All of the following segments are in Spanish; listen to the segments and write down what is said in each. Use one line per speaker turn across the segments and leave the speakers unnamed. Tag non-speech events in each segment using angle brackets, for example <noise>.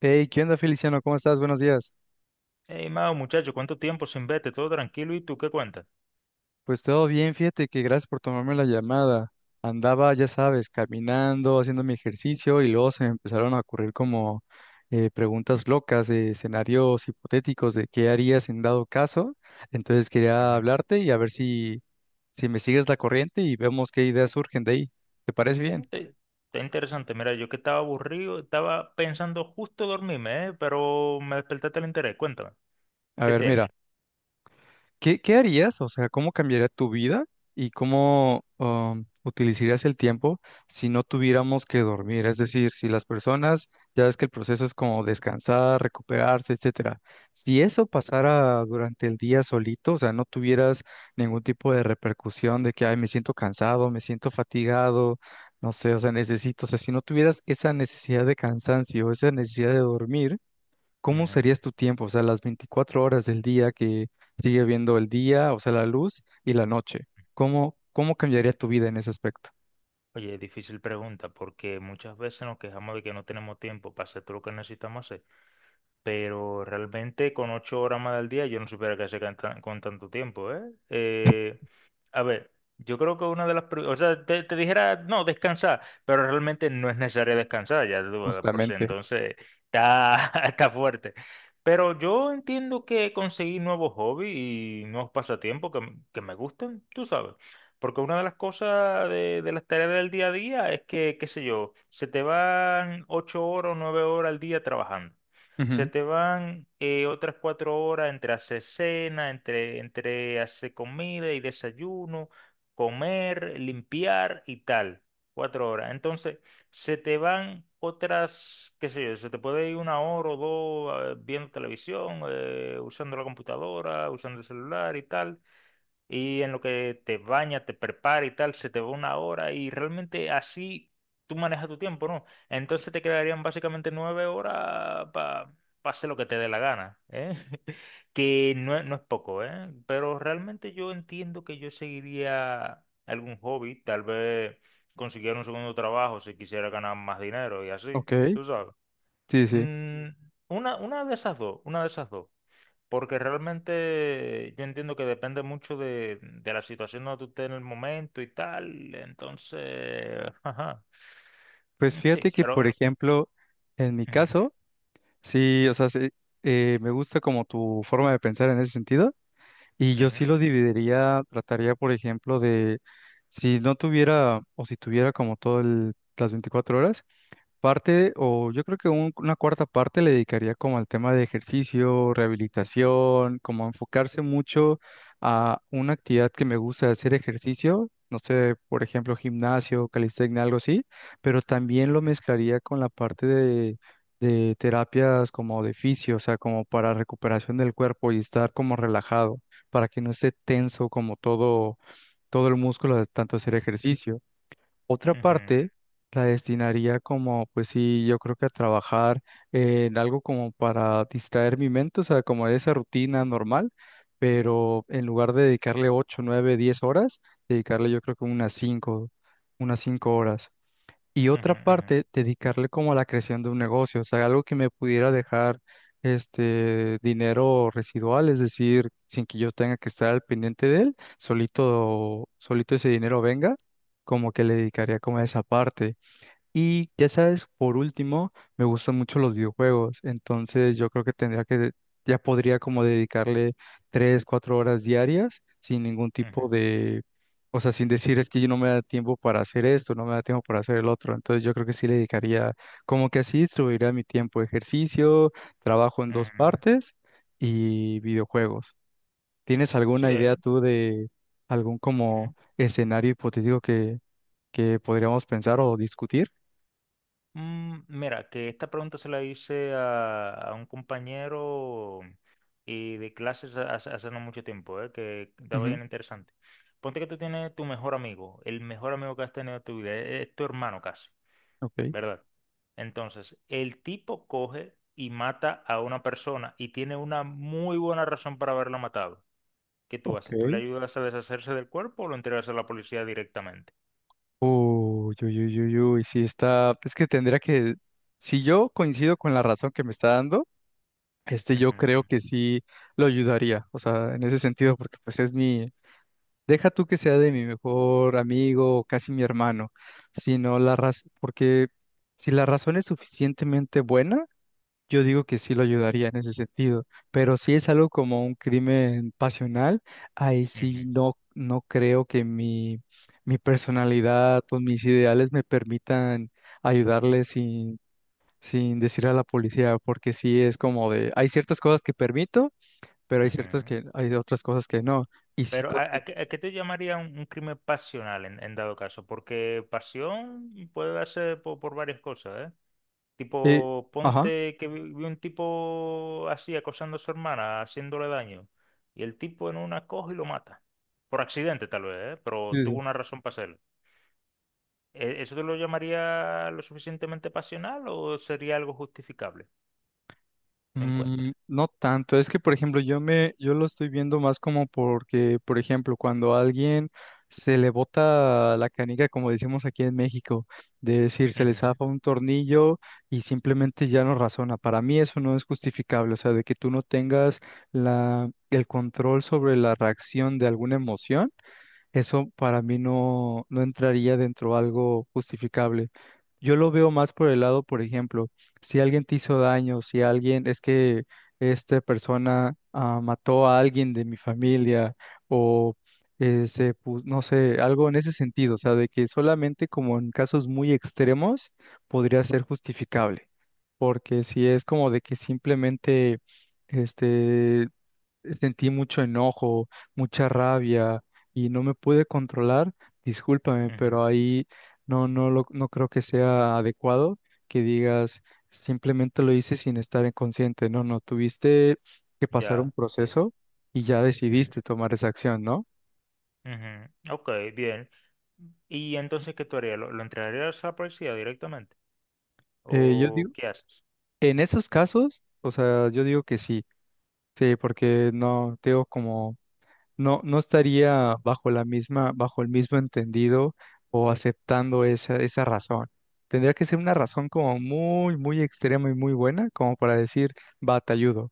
Hey, ¿qué onda, Feliciano? ¿Cómo estás? Buenos días.
Hey, Mao, muchacho, ¿cuánto tiempo sin verte? Todo tranquilo, ¿y tú qué cuentas?
Pues todo bien, fíjate que gracias por tomarme la llamada. Andaba, ya sabes, caminando, haciendo mi ejercicio y luego se me empezaron a ocurrir como preguntas locas, escenarios hipotéticos de qué harías en dado caso. Entonces quería hablarte y a ver si me sigues la corriente y vemos qué ideas surgen de ahí. ¿Te parece bien?
Ujú. Está interesante. Mira, yo que estaba aburrido, estaba pensando justo dormirme, ¿eh? Pero me despertaste el interés. Cuéntame,
A
¿qué
ver,
tienes?
mira. ¿Qué, qué harías? O sea, ¿cómo cambiaría tu vida y cómo utilizarías el tiempo si no tuviéramos que dormir? Es decir, si las personas, ya ves que el proceso es como descansar, recuperarse, etcétera. Si eso pasara durante el día solito, o sea, no tuvieras ningún tipo de repercusión de que, ay, me siento cansado, me siento fatigado, no sé, o sea, necesito, o sea, si no tuvieras esa necesidad de cansancio, esa necesidad de dormir. ¿Cómo
Ujú.
serías tu tiempo? O sea, las 24 horas del día que sigue viendo el día, o sea, la luz y la noche. ¿Cómo, cómo cambiaría tu vida en ese aspecto?
Oye, difícil pregunta, porque muchas veces nos quejamos de que no tenemos tiempo para hacer todo lo que necesitamos hacer. Pero realmente con ocho horas más al día yo no supiera qué hacer con tanto tiempo, ¿eh? Eh, a ver, yo creo que una de las... O sea, te dijera, no, descansar, pero realmente no es necesario descansar, ya tú, de por sí,
Justamente.
entonces está, <laughs> está fuerte. Pero yo entiendo que conseguí nuevos hobbies y nuevos pasatiempos que me gusten, tú sabes. Porque una de las cosas de las tareas del día a día es que, qué sé yo, se te van ocho horas o nueve horas al día trabajando. Se
Ujú.
te van otras cuatro horas entre hacer cena, entre hacer comida y desayuno, comer, limpiar y tal. Cuatro horas. Entonces, se te van otras, qué sé yo, se te puede ir una hora o dos viendo televisión, usando la computadora, usando el celular y tal y en lo que te bañas, te preparas y tal, se te va una hora y realmente así tú manejas tu tiempo, ¿no? Entonces te quedarían básicamente nueve horas para hacer lo que te dé la gana, ¿eh? <laughs> Que no es poco, ¿eh? Pero realmente yo entiendo que yo seguiría algún hobby, tal vez consiguiera un segundo trabajo si quisiera ganar más dinero y así,
Ok,
tú sabes.
sí, sí.
Mm, una de esas dos, una de esas dos. Porque realmente yo entiendo que depende mucho de la situación donde tú estés en el momento y tal. Entonces, <laughs> ajá.
Pues
Mm,
fíjate
sí,
que, por
pero...
ejemplo, en mi
ujú,
caso, sí, o sea, sí, me gusta como tu forma de pensar en ese sentido, y yo
ujú,
sí lo dividiría, trataría, por ejemplo, de si no tuviera o si tuviera como todo las 24 horas. Parte, o yo creo que una cuarta parte le dedicaría como al tema de ejercicio, rehabilitación, como enfocarse mucho a una actividad que me gusta hacer ejercicio, no sé, por ejemplo, gimnasio, calistenia, algo así, pero también lo
ujú,
mezclaría con la parte de terapias como de fisio, o sea, como para recuperación del cuerpo y estar como relajado, para que no esté tenso como todo el músculo de tanto hacer ejercicio. Otra
ujú,
parte la destinaría como, pues sí, yo creo que a trabajar en algo como para distraer mi mente, o sea, como de esa rutina normal, pero en lugar de dedicarle 8, 9, 10 horas, dedicarle yo creo que unas 5, unas 5 horas y otra
ujú,
parte dedicarle como a la creación de un negocio, o sea, algo que me pudiera dejar este dinero residual, es decir, sin que yo tenga que estar al pendiente de él, solito, solito ese dinero venga, como que le dedicaría como a esa parte. Y ya sabes, por último, me gustan mucho los videojuegos, entonces yo creo que tendría que, ya podría como dedicarle 3, 4 horas diarias sin ningún
ujú,
tipo de, o sea, sin decir es que yo no me da tiempo para hacer esto, no me da tiempo para hacer el otro, entonces yo creo que sí le dedicaría, como que así distribuiría mi tiempo, ejercicio, trabajo en dos
ujú.
partes y videojuegos. ¿Tienes
Sí.
alguna idea tú de algún
Ujú.
como escenario hipotético que podríamos pensar o discutir?
Mm, mira, que esta pregunta se la hice a un compañero y de clases hace no mucho tiempo, que estaba bien interesante. Ponte que tú tienes tu mejor amigo, el mejor amigo que has tenido en tu vida, es tu hermano casi.
Ok,
¿Verdad? Entonces, el tipo coge y mata a una persona y tiene una muy buena razón para haberla matado. ¿Qué tú
ok.
haces? ¿Tú le ayudas a deshacerse del cuerpo o lo entregas a la policía directamente?
Uy, uy, uy, uy, uy, sí está, es que tendría que, si yo coincido con la razón que me está dando, este yo
Ujú, ujú,
creo que sí lo ayudaría, o sea, en ese sentido, porque pues es mi, deja tú que sea de mi mejor amigo o casi mi hermano, sino la razón, porque si la razón es suficientemente buena, yo digo que sí lo ayudaría en ese sentido, pero si es algo como un crimen pasional, ahí sí
ujú,
no, no creo que mi personalidad o mis ideales me permitan ayudarle sin, sin decir a la policía, porque sí es como de, hay ciertas cosas que permito, pero hay ciertas
ujú.
que, hay otras cosas que no. Y sí,
Pero, ¿ a qué te llamaría un crimen pasional en dado caso? Porque pasión puede darse por, varias cosas, ¿eh?
eh,
Tipo,
ajá,
ponte que vi un tipo así acosando a su hermana, haciéndole daño, y el tipo en una coge y lo mata. Por accidente tal vez, ¿eh?
sí,
Pero
sí.
tuvo una razón para hacerlo. ¿Eso te lo llamaría lo suficientemente pasional o sería algo justificable? No
Mm,
encuentre.
no tanto, es que por ejemplo yo lo estoy viendo más como porque por ejemplo cuando a alguien se le bota la canica como decimos aquí en México, de decir se le
Ujú,
zafa un tornillo y simplemente ya no razona. Para mí eso no es justificable, o sea, de que tú no tengas la el control sobre la reacción de alguna emoción, eso para mí no, no entraría dentro de algo justificable. Yo lo veo más por el lado, por ejemplo, si alguien te hizo daño, si alguien, es que esta persona mató a alguien de mi familia o no sé, algo en ese sentido, o sea, de que solamente como en casos muy extremos podría ser justificable, porque si es como de que simplemente, este, sentí mucho enojo, mucha rabia y no me pude controlar, discúlpame,
ujú,
pero ahí no, no creo que sea adecuado que digas simplemente lo hice sin estar inconsciente. No, no, tuviste que pasar un
ya, sí.
proceso y ya
Ujú,
decidiste tomar esa acción, ¿no?
ujú, ok, bien. ¿Y entonces qué tú harías? Lo entregarías a la policía directamente?
Yo
¿O
digo,
qué haces?
en esos casos, o sea, yo digo que sí, sí, porque no, te digo como, no, no estaría bajo la misma, bajo el mismo entendido o aceptando esa, esa razón. Tendría que ser una razón como muy, muy extrema y muy buena, como para decir, va, te ayudo.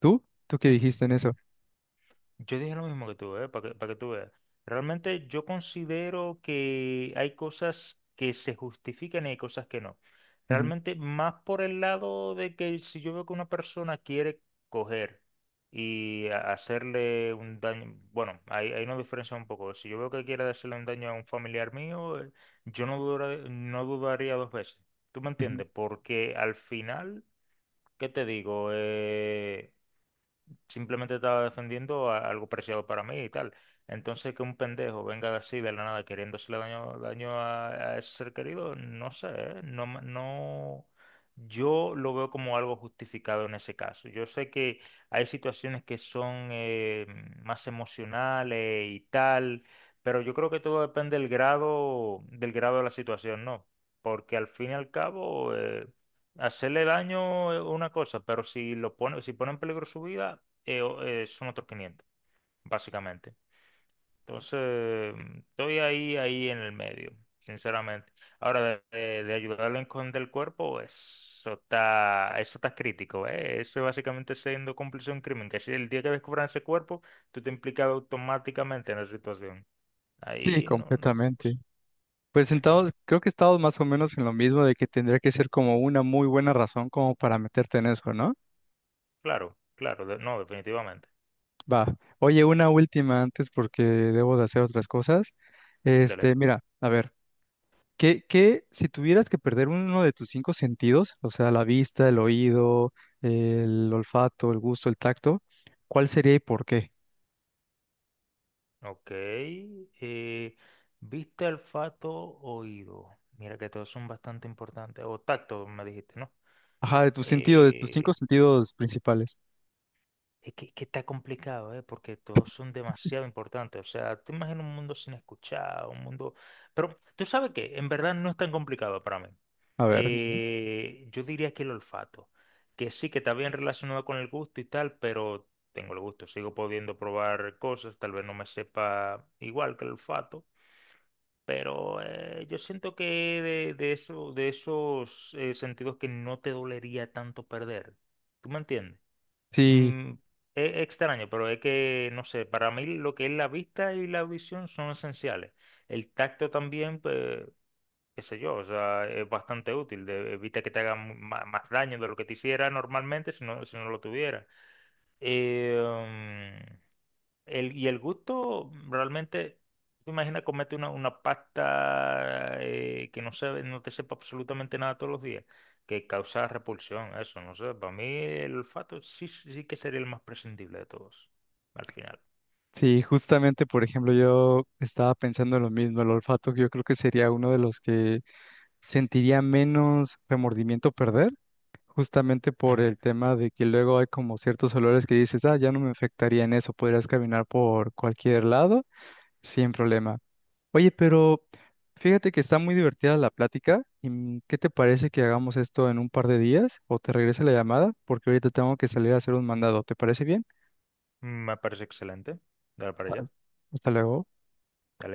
¿Tú? ¿Tú qué
Ujú,
dijiste en
ujú.
eso?
Yo dije lo mismo que tú, ¿eh? Para que tú veas. Realmente yo considero que hay cosas que se justifican y hay cosas que no.
Ujú,
Realmente más por el lado de que si yo veo que una persona quiere coger y hacerle un daño, bueno, ahí nos diferencia un poco. Si yo veo que quiere hacerle un daño a un familiar mío, yo no dudaría dos veces. ¿Tú me
ujú.
entiendes? Porque al final, ¿qué te digo? Simplemente estaba defendiendo algo preciado para mí y tal. Entonces, que un pendejo venga así de la nada queriendo hacerle daño a ese ser querido, no sé, ¿eh? No, yo lo veo como algo justificado en ese caso. Yo sé que hay situaciones que son más emocionales y tal, pero yo creo que todo depende del grado de la situación, ¿no? Porque al fin y al cabo... hacerle daño es una cosa, pero si lo pone, si pone en peligro su vida, son otros 500, básicamente. Entonces, estoy ahí, ahí en el medio, sinceramente. Ahora, de ayudarlo a esconder el cuerpo, eso está crítico, ¿eh? Eso es básicamente siendo cómplice de un crimen, que si el día que descubran ese cuerpo, tú te implicas automáticamente en la situación.
Sí,
Ahí no... no
completamente.
sé.
Pues
Ujú.
sentados, creo que estamos más o menos en lo mismo de que tendría que ser como una muy buena razón como para meterte en eso, ¿no?
Claro, claro, no, definitivamente.
Va. Oye, una última antes porque debo de hacer otras cosas.
Dele.
Este, mira, a ver. ¿Qué, qué- si tuvieras que perder uno de tus cinco sentidos, o sea, la vista, el oído, el olfato, el gusto, el tacto, ¿cuál sería y por qué?
Ok. Vista, olfato, oído. Mira que todos son bastante importantes. O tacto, me dijiste, ¿no?
Ajá, de tus sentidos, de tus cinco
Eh,
sentidos principales.
es que está complicado, ¿eh? Porque todos son demasiado importantes. O sea, te imaginas un mundo sin escuchar, un mundo... Pero tú sabes que en verdad no es tan complicado para mí.
A ver, mira.
Yo diría que el olfato, que sí que está bien relacionado con el gusto y tal, pero tengo el gusto, sigo pudiendo probar cosas, tal vez no me sepa igual que el olfato. Pero yo siento que de eso, de esos sentidos que no te dolería tanto perder. ¿Tú me entiendes?
Sí,
Mm, es extraño, pero es que, no sé, para mí lo que es la vista y la visión son esenciales. El tacto también, pues, qué sé yo, o sea, es bastante útil. Evita que te haga más, daño de lo que te hiciera normalmente si no lo tuviera. Eh, mm, y el gusto, realmente, tú imaginas comerte una pasta que no sabe, no te sepa absolutamente nada todos los días, que causa repulsión, eso, no sé, para mí el olfato sí, sí que sería el más prescindible de todos, al final.
sí, justamente, por ejemplo, yo estaba pensando en lo mismo, el olfato, que yo creo que sería uno de los que sentiría menos remordimiento perder, justamente por
Ujú.
el tema de que luego hay como ciertos olores que dices, ah, ya no me afectaría en eso, podrías caminar por cualquier lado sin problema. Oye, pero fíjate que está muy divertida la plática. ¿Y qué te parece que hagamos esto en un par de días? ¿O te regrese la llamada? Porque ahorita tengo que salir a hacer un mandado. ¿Te parece bien?
Me parece excelente. Dale para
Ah,
allá.
hasta luego.
Dale.